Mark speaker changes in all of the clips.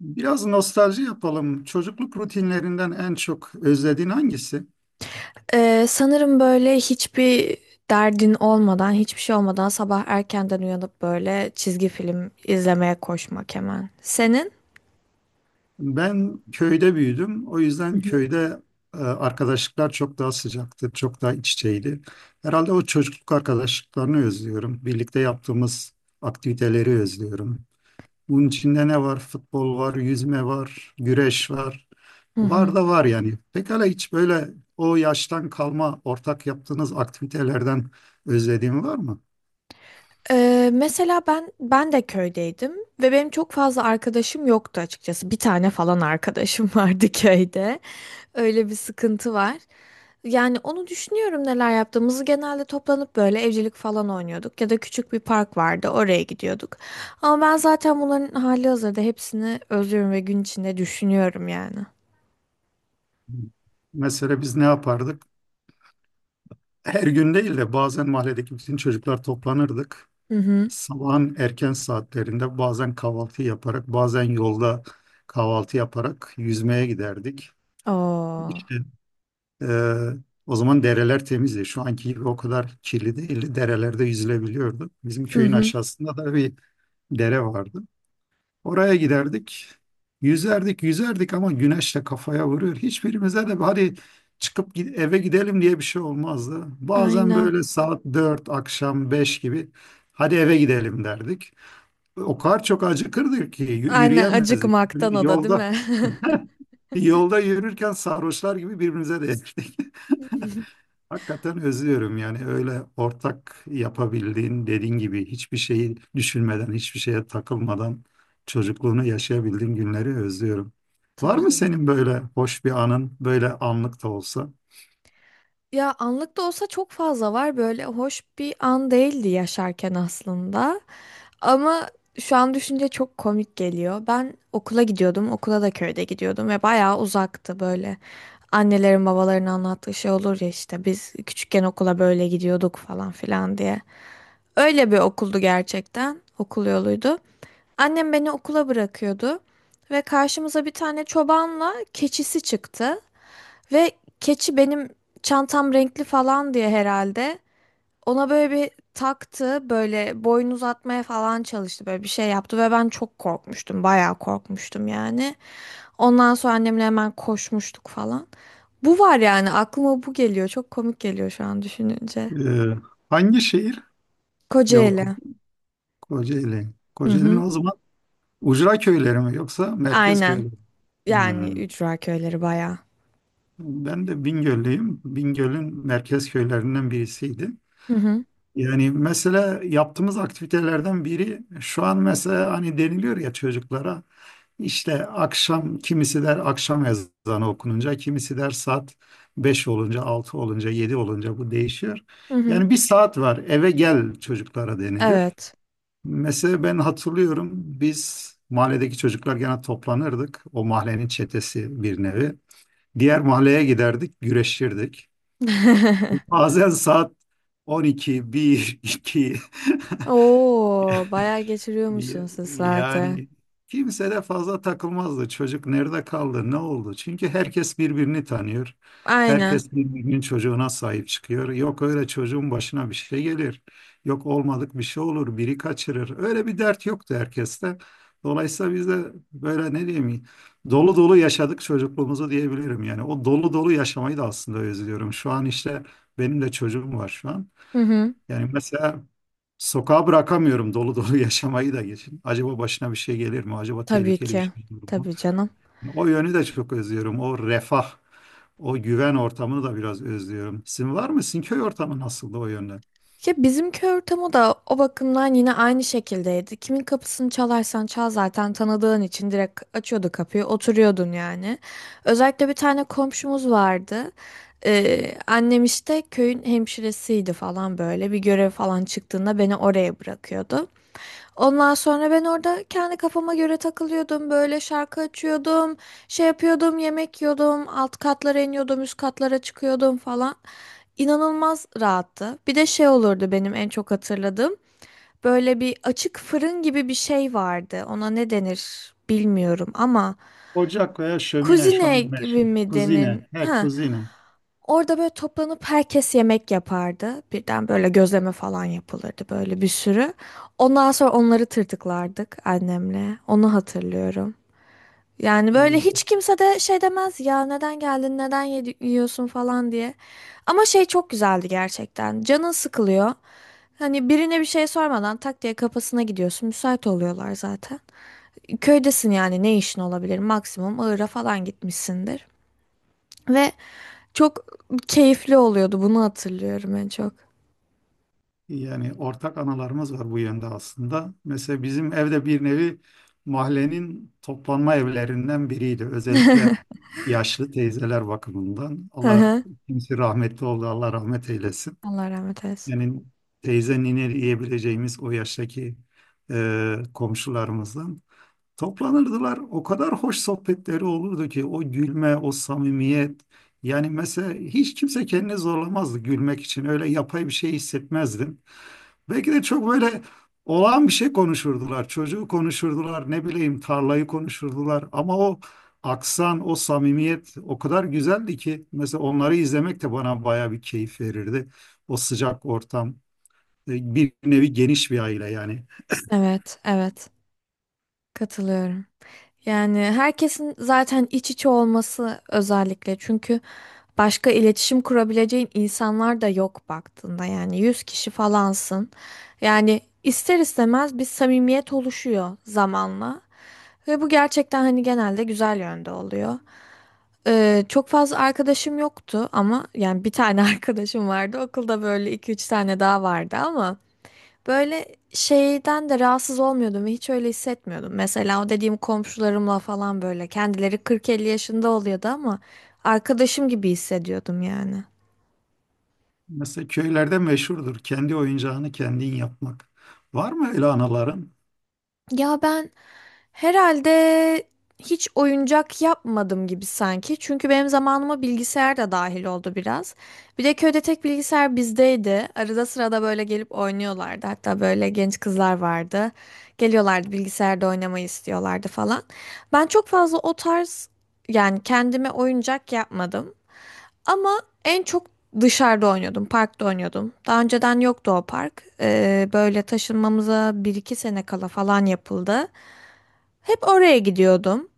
Speaker 1: Biraz nostalji yapalım. Çocukluk rutinlerinden en çok özlediğin hangisi?
Speaker 2: Sanırım böyle hiçbir derdin olmadan, hiçbir şey olmadan sabah erkenden uyanıp böyle çizgi film izlemeye koşmak hemen. Senin?
Speaker 1: Ben köyde büyüdüm. O
Speaker 2: Hı
Speaker 1: yüzden
Speaker 2: hı.
Speaker 1: köyde arkadaşlıklar çok daha sıcaktı, çok daha iç içeydi. Herhalde o çocukluk arkadaşlıklarını özlüyorum. Birlikte yaptığımız aktiviteleri özlüyorum. Bunun içinde ne var? Futbol var, yüzme var, güreş var.
Speaker 2: Hı
Speaker 1: Var
Speaker 2: hı.
Speaker 1: da var yani. Pekala hiç böyle o yaştan kalma ortak yaptığınız aktivitelerden özlediğin var mı?
Speaker 2: Mesela ben de köydeydim ve benim çok fazla arkadaşım yoktu açıkçası. Bir tane falan arkadaşım vardı köyde. Öyle bir sıkıntı var. Yani onu düşünüyorum neler yaptığımızı. Genelde toplanıp böyle evcilik falan oynuyorduk ya da küçük bir park vardı oraya gidiyorduk. Ama ben zaten bunların hali hazırda hepsini özlüyorum ve gün içinde düşünüyorum yani.
Speaker 1: Mesela biz ne yapardık? Her gün değil de bazen mahalledeki bütün çocuklar toplanırdık.
Speaker 2: Hı hı.
Speaker 1: Sabahın erken saatlerinde bazen kahvaltı yaparak, bazen yolda kahvaltı yaparak yüzmeye giderdik.
Speaker 2: Oo.
Speaker 1: İşte e, o zaman dereler temizdi. Şu anki gibi o kadar kirli değildi. Derelerde yüzülebiliyordu. Bizim
Speaker 2: Hı
Speaker 1: köyün
Speaker 2: hı.
Speaker 1: aşağısında da bir dere vardı. Oraya giderdik. Yüzerdik, yüzerdik ama güneşle kafaya vuruyor. Hiçbirimize de hadi çıkıp eve gidelim diye bir şey olmazdı. Bazen
Speaker 2: Aynen.
Speaker 1: böyle saat 4 akşam 5 gibi hadi eve gidelim derdik. O kadar çok acıkırdık ki
Speaker 2: Aynen,
Speaker 1: yürüyemezdik.
Speaker 2: acıkmaktan
Speaker 1: Yani
Speaker 2: o da değil
Speaker 1: yolda
Speaker 2: mi?
Speaker 1: yürürken sarhoşlar gibi birbirimize değerdik. Hakikaten özlüyorum yani öyle ortak yapabildiğin dediğin gibi hiçbir şeyi düşünmeden hiçbir şeye takılmadan çocukluğunu yaşayabildiğin günleri özlüyorum. Var
Speaker 2: Tabii
Speaker 1: mı
Speaker 2: canım.
Speaker 1: senin böyle hoş bir anın böyle anlık da olsa?
Speaker 2: Ya anlık da olsa çok fazla var, böyle hoş bir an değildi yaşarken aslında. Ama şu an düşünce çok komik geliyor. Ben okula gidiyordum, okula da köyde gidiyordum ve bayağı uzaktı böyle. Annelerin babaların anlattığı şey olur ya, işte biz küçükken okula böyle gidiyorduk falan filan diye. Öyle bir okuldu gerçekten, okul yoluydu. Annem beni okula bırakıyordu ve karşımıza bir tane çobanla keçisi çıktı. Ve keçi benim çantam renkli falan diye herhalde ona böyle bir taktı, böyle boyun uzatmaya falan çalıştı, böyle bir şey yaptı ve ben çok korkmuştum, bayağı korkmuştum yani. Ondan sonra annemle hemen koşmuştuk falan. Bu var yani, aklıma bu geliyor. Çok komik geliyor şu an düşününce.
Speaker 1: Ee, Hangi şehir? Ne
Speaker 2: Kocaeli.
Speaker 1: okudun? Kocaeli.
Speaker 2: Hı
Speaker 1: Kocaeli'nin
Speaker 2: hı.
Speaker 1: o zaman ucra köyleri mi yoksa merkez köyleri
Speaker 2: Aynen.
Speaker 1: mi?
Speaker 2: Yani
Speaker 1: Hmm.
Speaker 2: ücra köyleri bayağı.
Speaker 1: Ben de Bingöl'lüyüm. Bingöl'ün merkez köylerinden birisiydi.
Speaker 2: Hı hı.
Speaker 1: Yani mesela yaptığımız aktivitelerden biri şu an mesela hani deniliyor ya çocuklara işte akşam kimisi der akşam ezanı okununca kimisi der saat 5 olunca 6 olunca 7 olunca bu değişiyor.
Speaker 2: Hı hı.
Speaker 1: Yani bir saat var eve gel çocuklara denilir.
Speaker 2: Evet.
Speaker 1: Mesela ben hatırlıyorum biz mahalledeki çocuklar gene toplanırdık. O mahallenin çetesi bir nevi. Diğer mahalleye giderdik, güreşirdik. Bazen saat 12, 1, 2.
Speaker 2: Oo, bayağı geçiriyormuşsun sizlerde.
Speaker 1: Yani kimse de fazla takılmazdı. Çocuk nerede kaldı, ne oldu? Çünkü herkes birbirini tanıyor.
Speaker 2: Aynen.
Speaker 1: Herkes birbirinin çocuğuna sahip çıkıyor. Yok öyle çocuğun başına bir şey gelir. Yok olmadık bir şey olur, biri kaçırır. Öyle bir dert yoktu herkeste. Dolayısıyla biz de böyle ne diyeyim, dolu dolu yaşadık çocukluğumuzu diyebilirim. Yani o dolu dolu yaşamayı da aslında özlüyorum. Şu an işte benim de çocuğum var şu an.
Speaker 2: Hı hı.
Speaker 1: Yani mesela sokağa bırakamıyorum dolu dolu yaşamayı da geçin. Acaba başına bir şey gelir mi? Acaba
Speaker 2: Tabii
Speaker 1: tehlikeli bir
Speaker 2: ki.
Speaker 1: şey olur mu?
Speaker 2: Tabii canım.
Speaker 1: Yani o yönü de çok özlüyorum. O refah, o güven ortamını da biraz özlüyorum. Sizin var mı? Sizin köy ortamı nasıldı o yönde?
Speaker 2: Ya bizimki ortamı da o bakımdan yine aynı şekildeydi. Kimin kapısını çalarsan çal zaten tanıdığın için direkt açıyordu kapıyı, oturuyordun yani. Özellikle bir tane komşumuz vardı. Annem işte köyün hemşiresiydi falan böyle. Bir görev falan çıktığında beni oraya bırakıyordu. Ondan sonra ben orada kendi kafama göre takılıyordum. Böyle şarkı açıyordum, şey yapıyordum, yemek yiyordum, alt katlara iniyordum, üst katlara çıkıyordum falan. İnanılmaz rahattı. Bir de şey olurdu benim en çok hatırladığım. Böyle bir açık fırın gibi bir şey vardı. Ona ne denir bilmiyorum ama
Speaker 1: Ocak veya şömine şu
Speaker 2: kuzine
Speaker 1: an meşhur.
Speaker 2: gibi mi denir?
Speaker 1: Kuzine. He,
Speaker 2: Ha.
Speaker 1: kuzine.
Speaker 2: Orada böyle toplanıp herkes yemek yapardı. Birden böyle gözleme falan yapılırdı böyle, bir sürü. Ondan sonra onları tırtıklardık annemle. Onu hatırlıyorum. Yani böyle
Speaker 1: İyi.
Speaker 2: hiç kimse de şey demez ya, neden geldin, neden yiyorsun falan diye. Ama şey, çok güzeldi gerçekten. Canın sıkılıyor. Hani birine bir şey sormadan tak diye kapısına gidiyorsun. Müsait oluyorlar zaten. Köydesin yani, ne işin olabilir? Maksimum Iğır'a falan gitmişsindir. Ve çok keyifli oluyordu. Bunu hatırlıyorum en çok.
Speaker 1: Yani ortak analarımız var bu yönde aslında. Mesela bizim evde bir nevi mahallenin toplanma evlerinden biriydi. Özellikle yaşlı teyzeler bakımından.
Speaker 2: Hı
Speaker 1: Allah
Speaker 2: hı.
Speaker 1: kimse rahmetli oldu, Allah rahmet eylesin.
Speaker 2: Allah rahmet eylesin.
Speaker 1: Yani teyze nine diyebileceğimiz o yaştaki komşularımızdan. Toplanırdılar. O kadar hoş sohbetleri olurdu ki o gülme, o samimiyet. Yani mesela hiç kimse kendini zorlamazdı gülmek için. Öyle yapay bir şey hissetmezdim. Belki de çok böyle olağan bir şey konuşurdular. Çocuğu konuşurdular, ne bileyim tarlayı konuşurdular. Ama o aksan, o samimiyet o kadar güzeldi ki mesela onları izlemek de bana baya bir keyif verirdi. O sıcak ortam, bir nevi geniş bir aile yani.
Speaker 2: Evet, evet. Katılıyorum. Yani herkesin zaten iç içe olması özellikle, çünkü başka iletişim kurabileceğin insanlar da yok baktığında, yani 100 kişi falansın. Yani ister istemez bir samimiyet oluşuyor zamanla ve bu gerçekten hani genelde güzel yönde oluyor. Çok fazla arkadaşım yoktu ama yani bir tane arkadaşım vardı okulda, böyle iki üç tane daha vardı ama. Böyle şeyden de rahatsız olmuyordum ve hiç öyle hissetmiyordum. Mesela o dediğim komşularımla falan böyle, kendileri 40-50 yaşında oluyordu ama arkadaşım gibi hissediyordum yani.
Speaker 1: Mesela köylerde meşhurdur kendi oyuncağını kendin yapmak. Var mı öyle anaların?
Speaker 2: Ya ben herhalde hiç oyuncak yapmadım gibi sanki. Çünkü benim zamanıma bilgisayar da dahil oldu biraz. Bir de köyde tek bilgisayar bizdeydi. Arada sırada böyle gelip oynuyorlardı. Hatta böyle genç kızlar vardı. Geliyorlardı, bilgisayarda oynamayı istiyorlardı falan. Ben çok fazla o tarz, yani kendime oyuncak yapmadım. Ama en çok dışarıda oynuyordum, parkta oynuyordum. Daha önceden yoktu o park. Böyle taşınmamıza bir iki sene kala falan yapıldı. Hep oraya gidiyordum.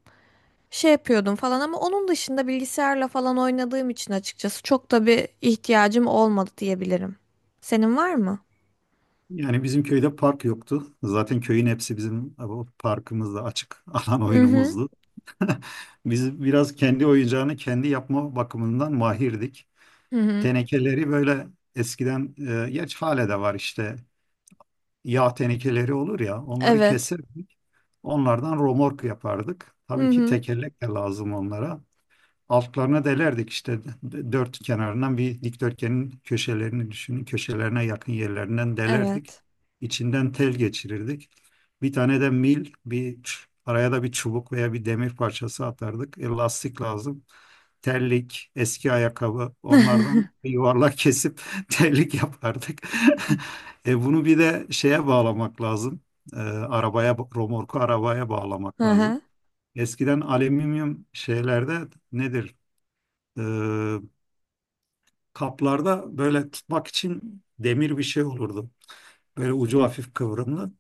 Speaker 2: Şey yapıyordum falan ama onun dışında bilgisayarla falan oynadığım için açıkçası çok da bir ihtiyacım olmadı diyebilirim. Senin var mı?
Speaker 1: Yani bizim köyde park yoktu. Zaten köyün hepsi bizim o parkımızda açık alan
Speaker 2: Hı hı.
Speaker 1: oyunumuzdu. Biz biraz kendi oyuncağını kendi yapma bakımından mahirdik.
Speaker 2: Hı hı.
Speaker 1: Tenekeleri böyle eskiden, geç hale de var işte yağ tenekeleri olur ya onları
Speaker 2: Evet.
Speaker 1: keserdik. Onlardan romork yapardık.
Speaker 2: Hı
Speaker 1: Tabii ki
Speaker 2: hı.
Speaker 1: tekerlek de lazım onlara altlarına delerdik işte dört kenarından bir dikdörtgenin köşelerini düşünün köşelerine yakın yerlerinden delerdik.
Speaker 2: Evet.
Speaker 1: İçinden tel geçirirdik. Bir tane de mil bir araya da bir çubuk veya bir demir parçası atardık. Lastik lazım. Terlik, eski ayakkabı onlardan bir yuvarlak kesip terlik yapardık. Bunu bir de şeye bağlamak lazım. Arabaya, romorku arabaya
Speaker 2: Hı
Speaker 1: bağlamak lazım.
Speaker 2: hı.
Speaker 1: Eskiden alüminyum şeylerde nedir? e, Kaplarda böyle tutmak için demir bir şey olurdu. Böyle ucu hafif kıvrımlı.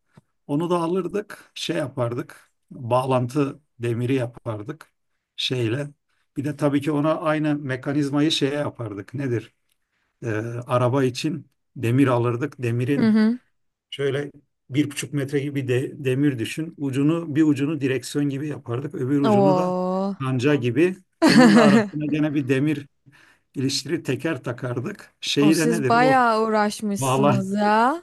Speaker 1: Onu da alırdık, şey yapardık. Bağlantı demiri yapardık şeyle. Bir de tabii ki ona aynı mekanizmayı şeye yapardık. Nedir? E, Araba için demir alırdık.
Speaker 2: Hı
Speaker 1: Demirin
Speaker 2: hı.
Speaker 1: şöyle 1,5 metre gibi de, demir düşün. Ucunu bir ucunu direksiyon gibi yapardık. Öbür ucunu da
Speaker 2: Oo.
Speaker 1: kanca gibi. Onun da arasına gene bir demir ilişkileri teker takardık.
Speaker 2: O
Speaker 1: Şeyi de
Speaker 2: siz
Speaker 1: nedir? O
Speaker 2: bayağı
Speaker 1: bağlan
Speaker 2: uğraşmışsınız ya.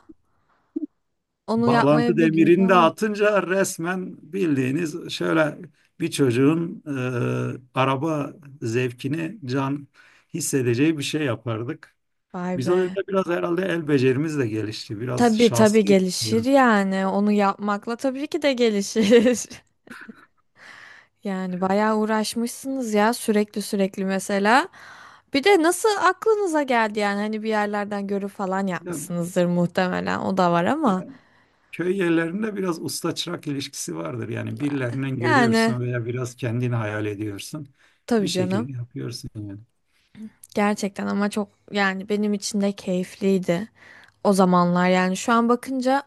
Speaker 2: Onu
Speaker 1: bağlantı
Speaker 2: yapmaya bir gün
Speaker 1: demirini de
Speaker 2: falan.
Speaker 1: atınca resmen bildiğiniz şöyle bir çocuğun araba zevkini can hissedeceği bir şey yapardık.
Speaker 2: Vay
Speaker 1: Biz o
Speaker 2: be.
Speaker 1: yönde biraz herhalde el becerimiz de gelişti. Biraz
Speaker 2: Tabii tabii
Speaker 1: şanslıydık
Speaker 2: gelişir
Speaker 1: diyorum.
Speaker 2: yani. Onu yapmakla tabii ki de gelişir. Yani bayağı uğraşmışsınız ya, sürekli mesela. Bir de nasıl aklınıza geldi yani, hani bir yerlerden görüp falan
Speaker 1: Ya,
Speaker 2: yapmışsınızdır muhtemelen. O da var
Speaker 1: Ya,
Speaker 2: ama
Speaker 1: köy yerlerinde biraz usta çırak ilişkisi vardır. Yani birilerinden
Speaker 2: yani,
Speaker 1: görüyorsun veya biraz kendini hayal ediyorsun. Bir
Speaker 2: tabii canım.
Speaker 1: şekilde yapıyorsun yani.
Speaker 2: Gerçekten ama çok, yani benim için de keyifliydi o zamanlar, yani şu an bakınca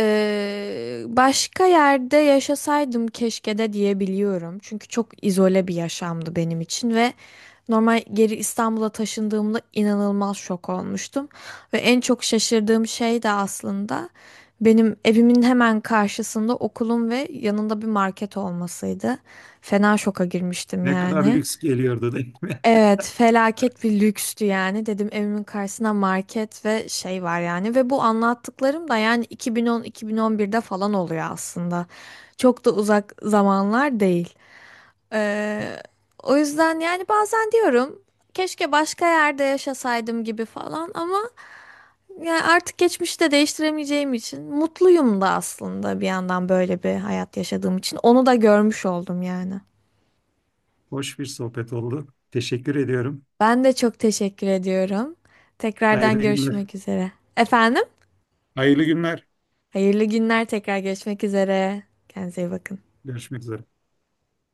Speaker 2: Başka yerde yaşasaydım keşke de diyebiliyorum. Çünkü çok izole bir yaşamdı benim için ve normal geri İstanbul'a taşındığımda inanılmaz şok olmuştum. Ve en çok şaşırdığım şey de aslında benim evimin hemen karşısında okulum ve yanında bir market olmasıydı. Fena şoka girmiştim
Speaker 1: Ne kadar
Speaker 2: yani.
Speaker 1: lüks geliyordu değil mi?
Speaker 2: Evet, felaket bir lükstü yani. Dedim, evimin karşısına market ve şey var yani. Ve bu anlattıklarım da yani 2010-2011'de falan oluyor aslında. Çok da uzak zamanlar değil. Ee, o yüzden yani bazen diyorum keşke başka yerde yaşasaydım gibi falan ama yani artık geçmişte değiştiremeyeceğim için mutluyum da aslında bir yandan, böyle bir hayat yaşadığım için. Onu da görmüş oldum yani.
Speaker 1: Hoş bir sohbet oldu. Teşekkür ediyorum.
Speaker 2: Ben de çok teşekkür ediyorum.
Speaker 1: Hayırlı
Speaker 2: Tekrardan
Speaker 1: günler.
Speaker 2: görüşmek üzere. Efendim?
Speaker 1: Hayırlı günler.
Speaker 2: Hayırlı günler, tekrar görüşmek üzere. Kendinize iyi bakın.
Speaker 1: Görüşmek üzere.